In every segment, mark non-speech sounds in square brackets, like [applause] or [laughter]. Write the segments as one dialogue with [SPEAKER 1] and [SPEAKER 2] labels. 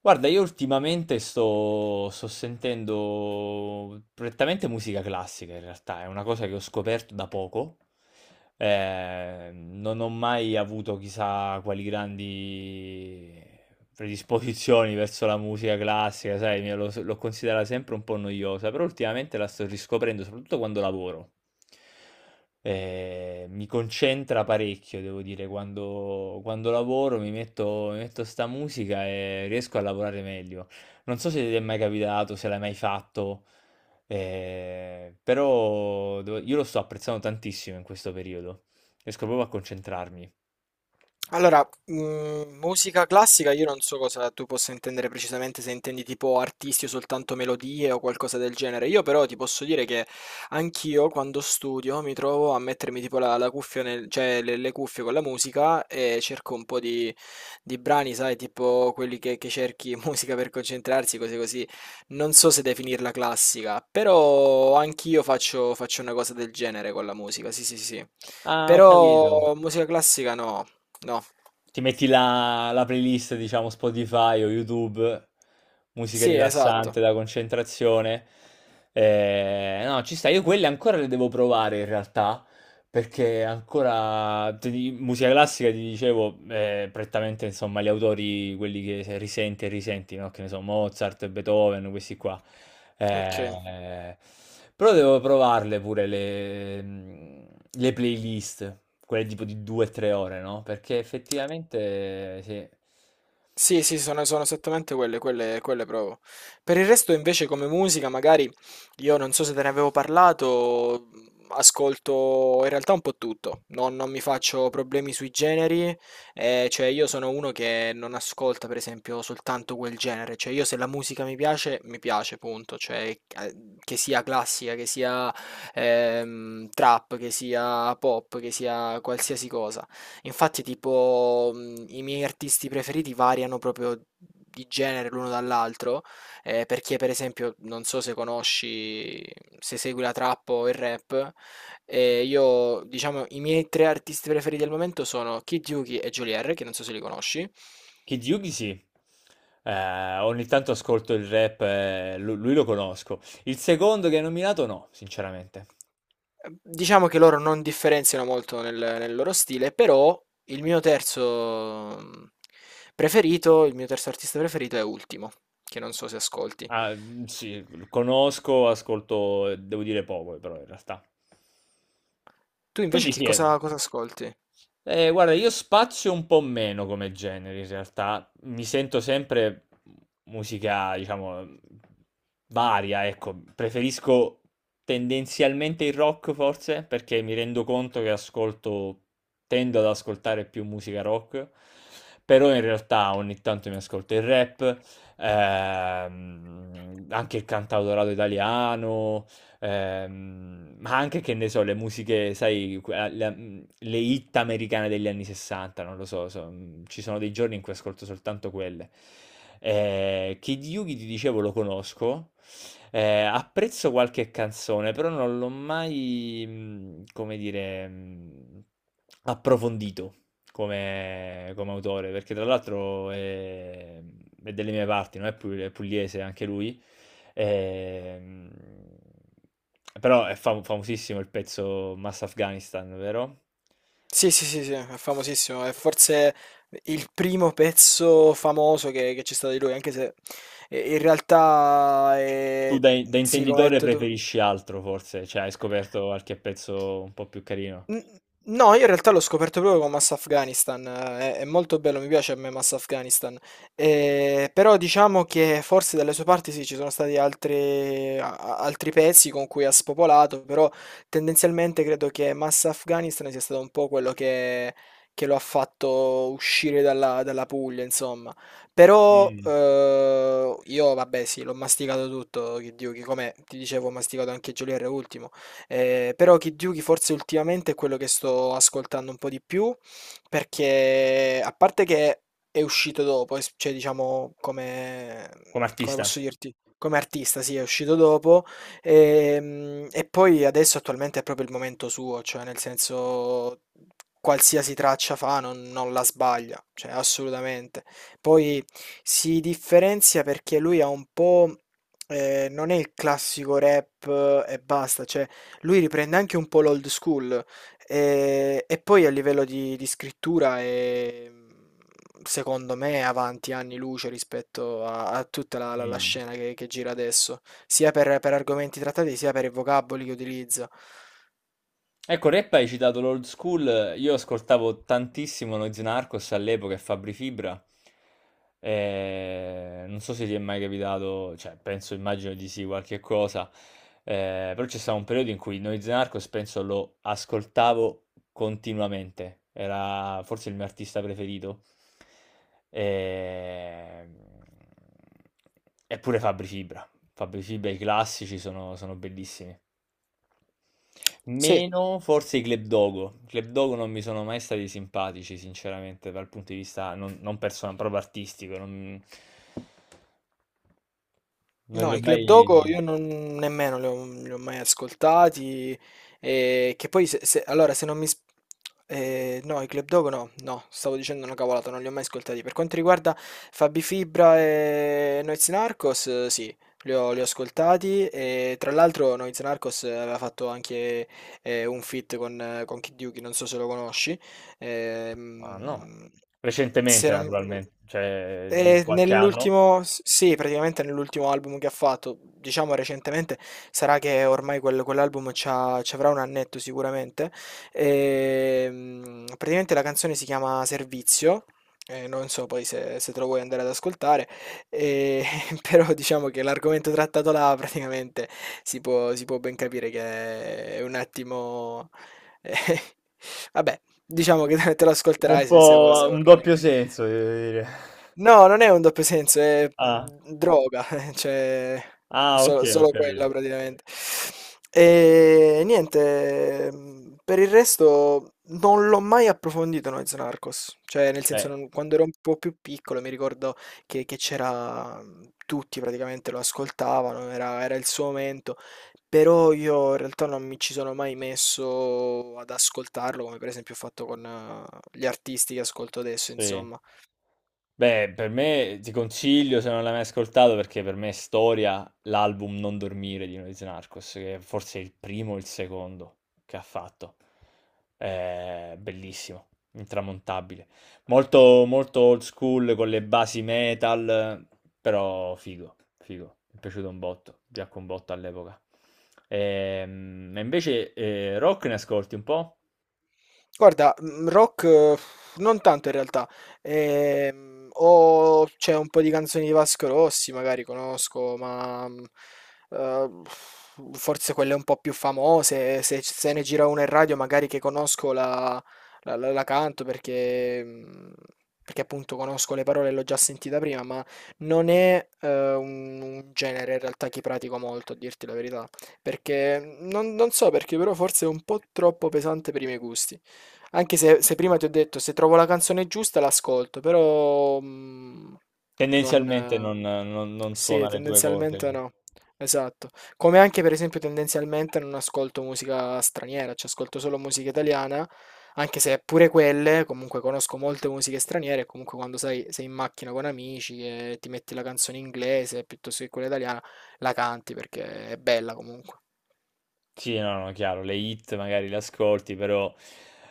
[SPEAKER 1] Guarda, io ultimamente sto sentendo prettamente musica classica in realtà, è una cosa che ho scoperto da poco. Non ho mai avuto chissà quali grandi predisposizioni verso la musica classica, sai, l'ho considerata sempre un po' noiosa, però ultimamente la sto riscoprendo, soprattutto quando lavoro. Mi concentra parecchio, devo dire, quando lavoro mi metto sta musica e riesco a lavorare meglio. Non so se ti è mai capitato, se l'hai mai fatto, però io lo sto apprezzando tantissimo in questo periodo. Riesco proprio a concentrarmi.
[SPEAKER 2] Allora, musica classica, io non so cosa tu possa intendere precisamente, se intendi tipo artisti o soltanto melodie o qualcosa del genere. Io però ti posso dire che anch'io quando studio mi trovo a mettermi tipo la cuffia cioè le cuffie con la musica e cerco un po' di brani, sai, tipo quelli che cerchi [laughs] musica per concentrarsi, cose così. Non so se definirla classica, però anch'io faccio una cosa del genere con la musica, sì, sì, sì, sì.
[SPEAKER 1] Ah, ho capito.
[SPEAKER 2] Però musica classica no. No.
[SPEAKER 1] Ti metti la playlist, diciamo, Spotify o YouTube, musica
[SPEAKER 2] Sì, esatto.
[SPEAKER 1] rilassante da concentrazione. No, ci sta, io quelle ancora le devo provare in realtà. Perché ancora musica classica, ti dicevo, è prettamente insomma gli autori, quelli che se risenti e risenti, no? Che ne so, Mozart, Beethoven, questi qua.
[SPEAKER 2] Ok.
[SPEAKER 1] Eh, Però devo provarle pure le, le playlist, quelle tipo di 2-3 ore, no? Perché effettivamente, sì,
[SPEAKER 2] Sì, sì, sono esattamente quelle provo. Per il resto, invece, come musica, magari io non so se te ne avevo parlato, ascolto in realtà un po' tutto. Non mi faccio problemi sui generi, cioè io sono uno che non ascolta, per esempio, soltanto quel genere. Cioè io se la musica mi piace, punto. Cioè, eh, che sia classica, che sia trap, che sia pop, che sia qualsiasi cosa. Infatti, tipo, i miei artisti preferiti variano proprio di genere l'uno dall'altro, perché per esempio, non so se conosci, se segui la trap o il rap, io, diciamo, i miei tre artisti preferiti al momento sono Kid Yuki e Geolier, che non so se li conosci. Eh,
[SPEAKER 1] Kid Yugi sì. Ogni tanto ascolto il rap, lui lo conosco. Il secondo che hai nominato no, sinceramente.
[SPEAKER 2] Diciamo che loro non differenziano molto nel loro stile, però il mio terzo preferito, il mio terzo artista preferito è Ultimo, che non so se ascolti.
[SPEAKER 1] Ah, mhmm, sì, conosco, ascolto, devo dire poco però in realtà.
[SPEAKER 2] Tu invece
[SPEAKER 1] Quindi
[SPEAKER 2] che
[SPEAKER 1] sì, è
[SPEAKER 2] cosa ascolti?
[SPEAKER 1] guarda, io spazio un po' meno come generi in realtà, mi sento sempre musica, diciamo, varia, ecco, preferisco tendenzialmente il rock forse, perché mi rendo conto che ascolto, tendo ad ascoltare più musica rock, però in realtà ogni tanto mi ascolto il rap, anche il cantautorato italiano, ma anche che ne so, le musiche, sai, le hit americane degli anni 60, non lo so, ci sono dei giorni in cui ascolto soltanto quelle. Kid Yugi, ti dicevo, lo conosco, apprezzo qualche canzone, però non l'ho mai, come dire, approfondito come, come autore, perché tra l'altro è delle mie parti, no? È è pugliese anche lui. Ehm, Però è famosissimo il pezzo Mass Afghanistan, vero?
[SPEAKER 2] Sì, sì, sì, sì, è famosissimo, è forse il primo pezzo famoso che c'è stato di lui, anche se in realtà
[SPEAKER 1] Tu
[SPEAKER 2] è.
[SPEAKER 1] da
[SPEAKER 2] Sì, come hai
[SPEAKER 1] intenditore
[SPEAKER 2] detto tu.
[SPEAKER 1] preferisci altro, forse? Cioè, hai scoperto qualche pezzo un po' più carino.
[SPEAKER 2] N- No, io in realtà l'ho scoperto proprio con Mass Afghanistan, è molto bello, mi piace a me Mass Afghanistan. Però diciamo che forse dalle sue parti sì, ci sono stati altri, altri pezzi con cui ha spopolato, però tendenzialmente credo che Mass Afghanistan sia stato un po' quello che lo ha fatto uscire dalla Puglia, insomma. Però
[SPEAKER 1] Mm.
[SPEAKER 2] io, vabbè, sì, l'ho masticato tutto, che Dio, che come ti dicevo, ho masticato anche Geolier ultimo. Però Kid Yugi forse ultimamente è quello che sto ascoltando un po' di più, perché a parte che è uscito dopo, cioè diciamo come,
[SPEAKER 1] Come
[SPEAKER 2] come
[SPEAKER 1] artista?
[SPEAKER 2] posso dirti, come artista, sì, è uscito dopo, e poi adesso attualmente è proprio il momento suo, cioè nel senso qualsiasi traccia fa non la sbaglia, cioè assolutamente. Poi si differenzia perché lui ha un po', non è il classico rap e basta, cioè lui riprende anche un po' l'old school e, poi a livello di scrittura è, secondo me, è avanti anni luce rispetto a tutta la
[SPEAKER 1] Mm.
[SPEAKER 2] scena che gira adesso, sia per argomenti trattati, sia per i vocaboli che utilizza.
[SPEAKER 1] Ecco, rap hai citato l'old school, io ascoltavo tantissimo Noyz Narcos all'epoca e Fabri Fibra. Non so se ti è mai capitato, cioè penso, immagino di sì, qualche cosa. Però c'è stato un periodo in cui Noyz Narcos penso lo ascoltavo continuamente, era forse il mio artista preferito. Eh, Eppure Fabri Fibra. Fabri Fibra, i classici sono bellissimi.
[SPEAKER 2] Sì.
[SPEAKER 1] Meno forse i Club Dogo. I Club Dogo non mi sono mai stati simpatici, sinceramente, dal punto di vista non, non personale, proprio artistico. Non, non li
[SPEAKER 2] No,
[SPEAKER 1] ho
[SPEAKER 2] i
[SPEAKER 1] mai...
[SPEAKER 2] Club Dogo io non, nemmeno li ho mai ascoltati. Che poi, allora, se non mi, no, i Club Dogo no, no, stavo dicendo una cavolata, non li ho mai ascoltati. Per quanto riguarda Fabi Fibra e Noyz Narcos, sì, li ho ascoltati. E, tra l'altro Noyz Narcos aveva fatto anche un feat con Kid Yuki, non so se lo conosci.
[SPEAKER 1] Ah, no.
[SPEAKER 2] Ehm, se
[SPEAKER 1] Recentemente,
[SPEAKER 2] non-
[SPEAKER 1] naturalmente, cioè di qualche anno.
[SPEAKER 2] nell'ultimo, sì, praticamente nell'ultimo album che ha fatto, diciamo recentemente, sarà che ormai quell'album ci avrà un annetto sicuramente. Praticamente la canzone si chiama Servizio. Non so poi se te lo vuoi andare ad ascoltare, eh, [laughs] però diciamo che l'argomento trattato là praticamente si può ben capire che è un attimo. [laughs] eh, vabbè, diciamo che te lo
[SPEAKER 1] Un
[SPEAKER 2] ascolterai se vuoi
[SPEAKER 1] po'
[SPEAKER 2] se
[SPEAKER 1] un
[SPEAKER 2] vorrai.
[SPEAKER 1] doppio senso, devo dire.
[SPEAKER 2] No, non è un doppio senso, è
[SPEAKER 1] Ah,
[SPEAKER 2] droga, [laughs] cioè
[SPEAKER 1] ah, ok,
[SPEAKER 2] so solo
[SPEAKER 1] ok.
[SPEAKER 2] quella praticamente. E niente, per il resto non l'ho mai approfondito Noyz Narcos, cioè nel senso
[SPEAKER 1] Beh,
[SPEAKER 2] non quando ero un po' più piccolo mi ricordo che c'era tutti praticamente lo ascoltavano, era il suo momento, però io in realtà non mi ci sono mai messo ad ascoltarlo, come per esempio ho fatto con gli artisti che ascolto adesso,
[SPEAKER 1] sì.
[SPEAKER 2] insomma.
[SPEAKER 1] Beh, per me ti consiglio se non l'hai mai ascoltato perché per me è storia l'album Non dormire di Noyz Narcos, che è forse il primo o il secondo che ha fatto. È bellissimo, intramontabile. Molto, molto old school con le basi metal, però figo, figo. Mi è piaciuto un botto, piacque un botto all'epoca. E invece rock ne ascolti un po'?
[SPEAKER 2] Guarda, rock non tanto in realtà. O c'è un po' di canzoni di Vasco Rossi, magari conosco, ma, uhm, forse quelle un po' più famose, se c se ne gira una in radio magari che conosco la canto perché perché appunto conosco le parole e l'ho già sentita prima, ma non è, un genere in realtà che pratico molto, a dirti la verità, perché non so perché, però forse è un po' troppo pesante per i miei gusti. Anche se prima ti ho detto, se trovo la canzone giusta l'ascolto, però non.
[SPEAKER 1] Tendenzialmente non, non
[SPEAKER 2] Sì,
[SPEAKER 1] suona le tue
[SPEAKER 2] tendenzialmente
[SPEAKER 1] corde.
[SPEAKER 2] no. Esatto. Come anche per esempio tendenzialmente non ascolto musica straniera, cioè ascolto solo musica italiana, anche se pure quelle, comunque conosco molte musiche straniere, comunque quando sai, sei in macchina con amici e ti metti la canzone inglese piuttosto che quella italiana, la canti perché è bella comunque.
[SPEAKER 1] Sì, no, no, chiaro, le hit magari le ascolti, però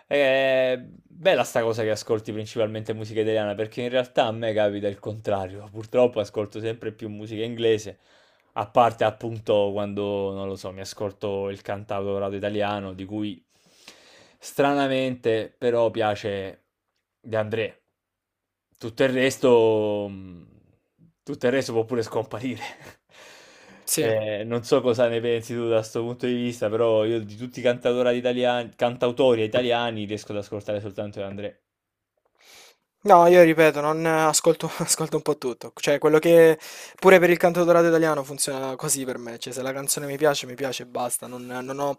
[SPEAKER 1] è bella sta cosa che ascolti principalmente musica italiana, perché in realtà a me capita il contrario. Purtroppo ascolto sempre più musica inglese, a parte appunto quando, non lo so, mi ascolto il cantautorato italiano, di cui stranamente però piace De André. Tutto il resto, mh, tutto il resto può pure scomparire. [laughs]
[SPEAKER 2] Sì.
[SPEAKER 1] Non so cosa ne pensi tu da questo punto di vista, però io di tutti i cantautori italiani riesco ad ascoltare soltanto De André.
[SPEAKER 2] No, io ripeto, non ascolto, [laughs] ascolto un po' tutto. Cioè, quello che pure per il canto dorato italiano funziona così per me. Cioè, se la canzone mi piace e basta. Non ho,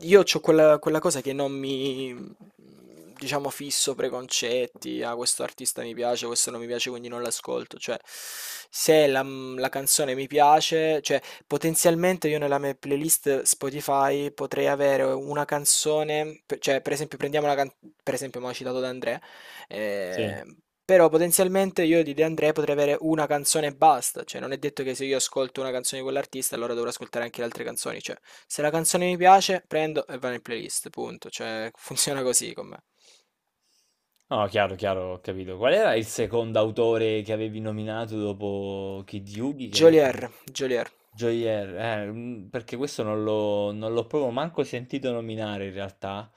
[SPEAKER 2] io ho quella cosa che non mi, diciamo, fisso preconcetti. Ah, questo artista mi piace, questo non mi piace, quindi non l'ascolto. Cioè, se la canzone mi piace, cioè, potenzialmente io nella mia playlist Spotify potrei avere una canzone. Cioè, per esempio, prendiamo per esempio, mi ha citato da Andrea.
[SPEAKER 1] Sì.
[SPEAKER 2] Ehm, però potenzialmente io di De André potrei avere una canzone e basta, cioè non è detto che se io ascolto una canzone di quell'artista allora dovrò ascoltare anche le altre canzoni, cioè se la canzone mi piace prendo e va nel playlist, punto, cioè [laughs] funziona così con me.
[SPEAKER 1] No, chiaro, chiaro, ho capito. Qual era il secondo autore che avevi nominato dopo Kid Yugi? Che ha detto?
[SPEAKER 2] Jolier, Jolier,
[SPEAKER 1] Joyer, mm, perché questo non l'ho proprio manco sentito nominare in realtà.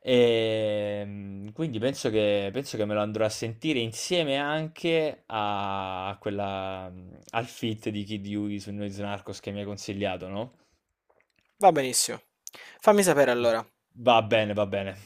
[SPEAKER 1] E, mm, quindi penso che me lo andrò a sentire insieme anche a quella, mm, al feat di Kid Yugi su Noyz Narcos che mi hai consigliato, no?
[SPEAKER 2] va benissimo. Fammi sapere allora.
[SPEAKER 1] Va bene, va bene.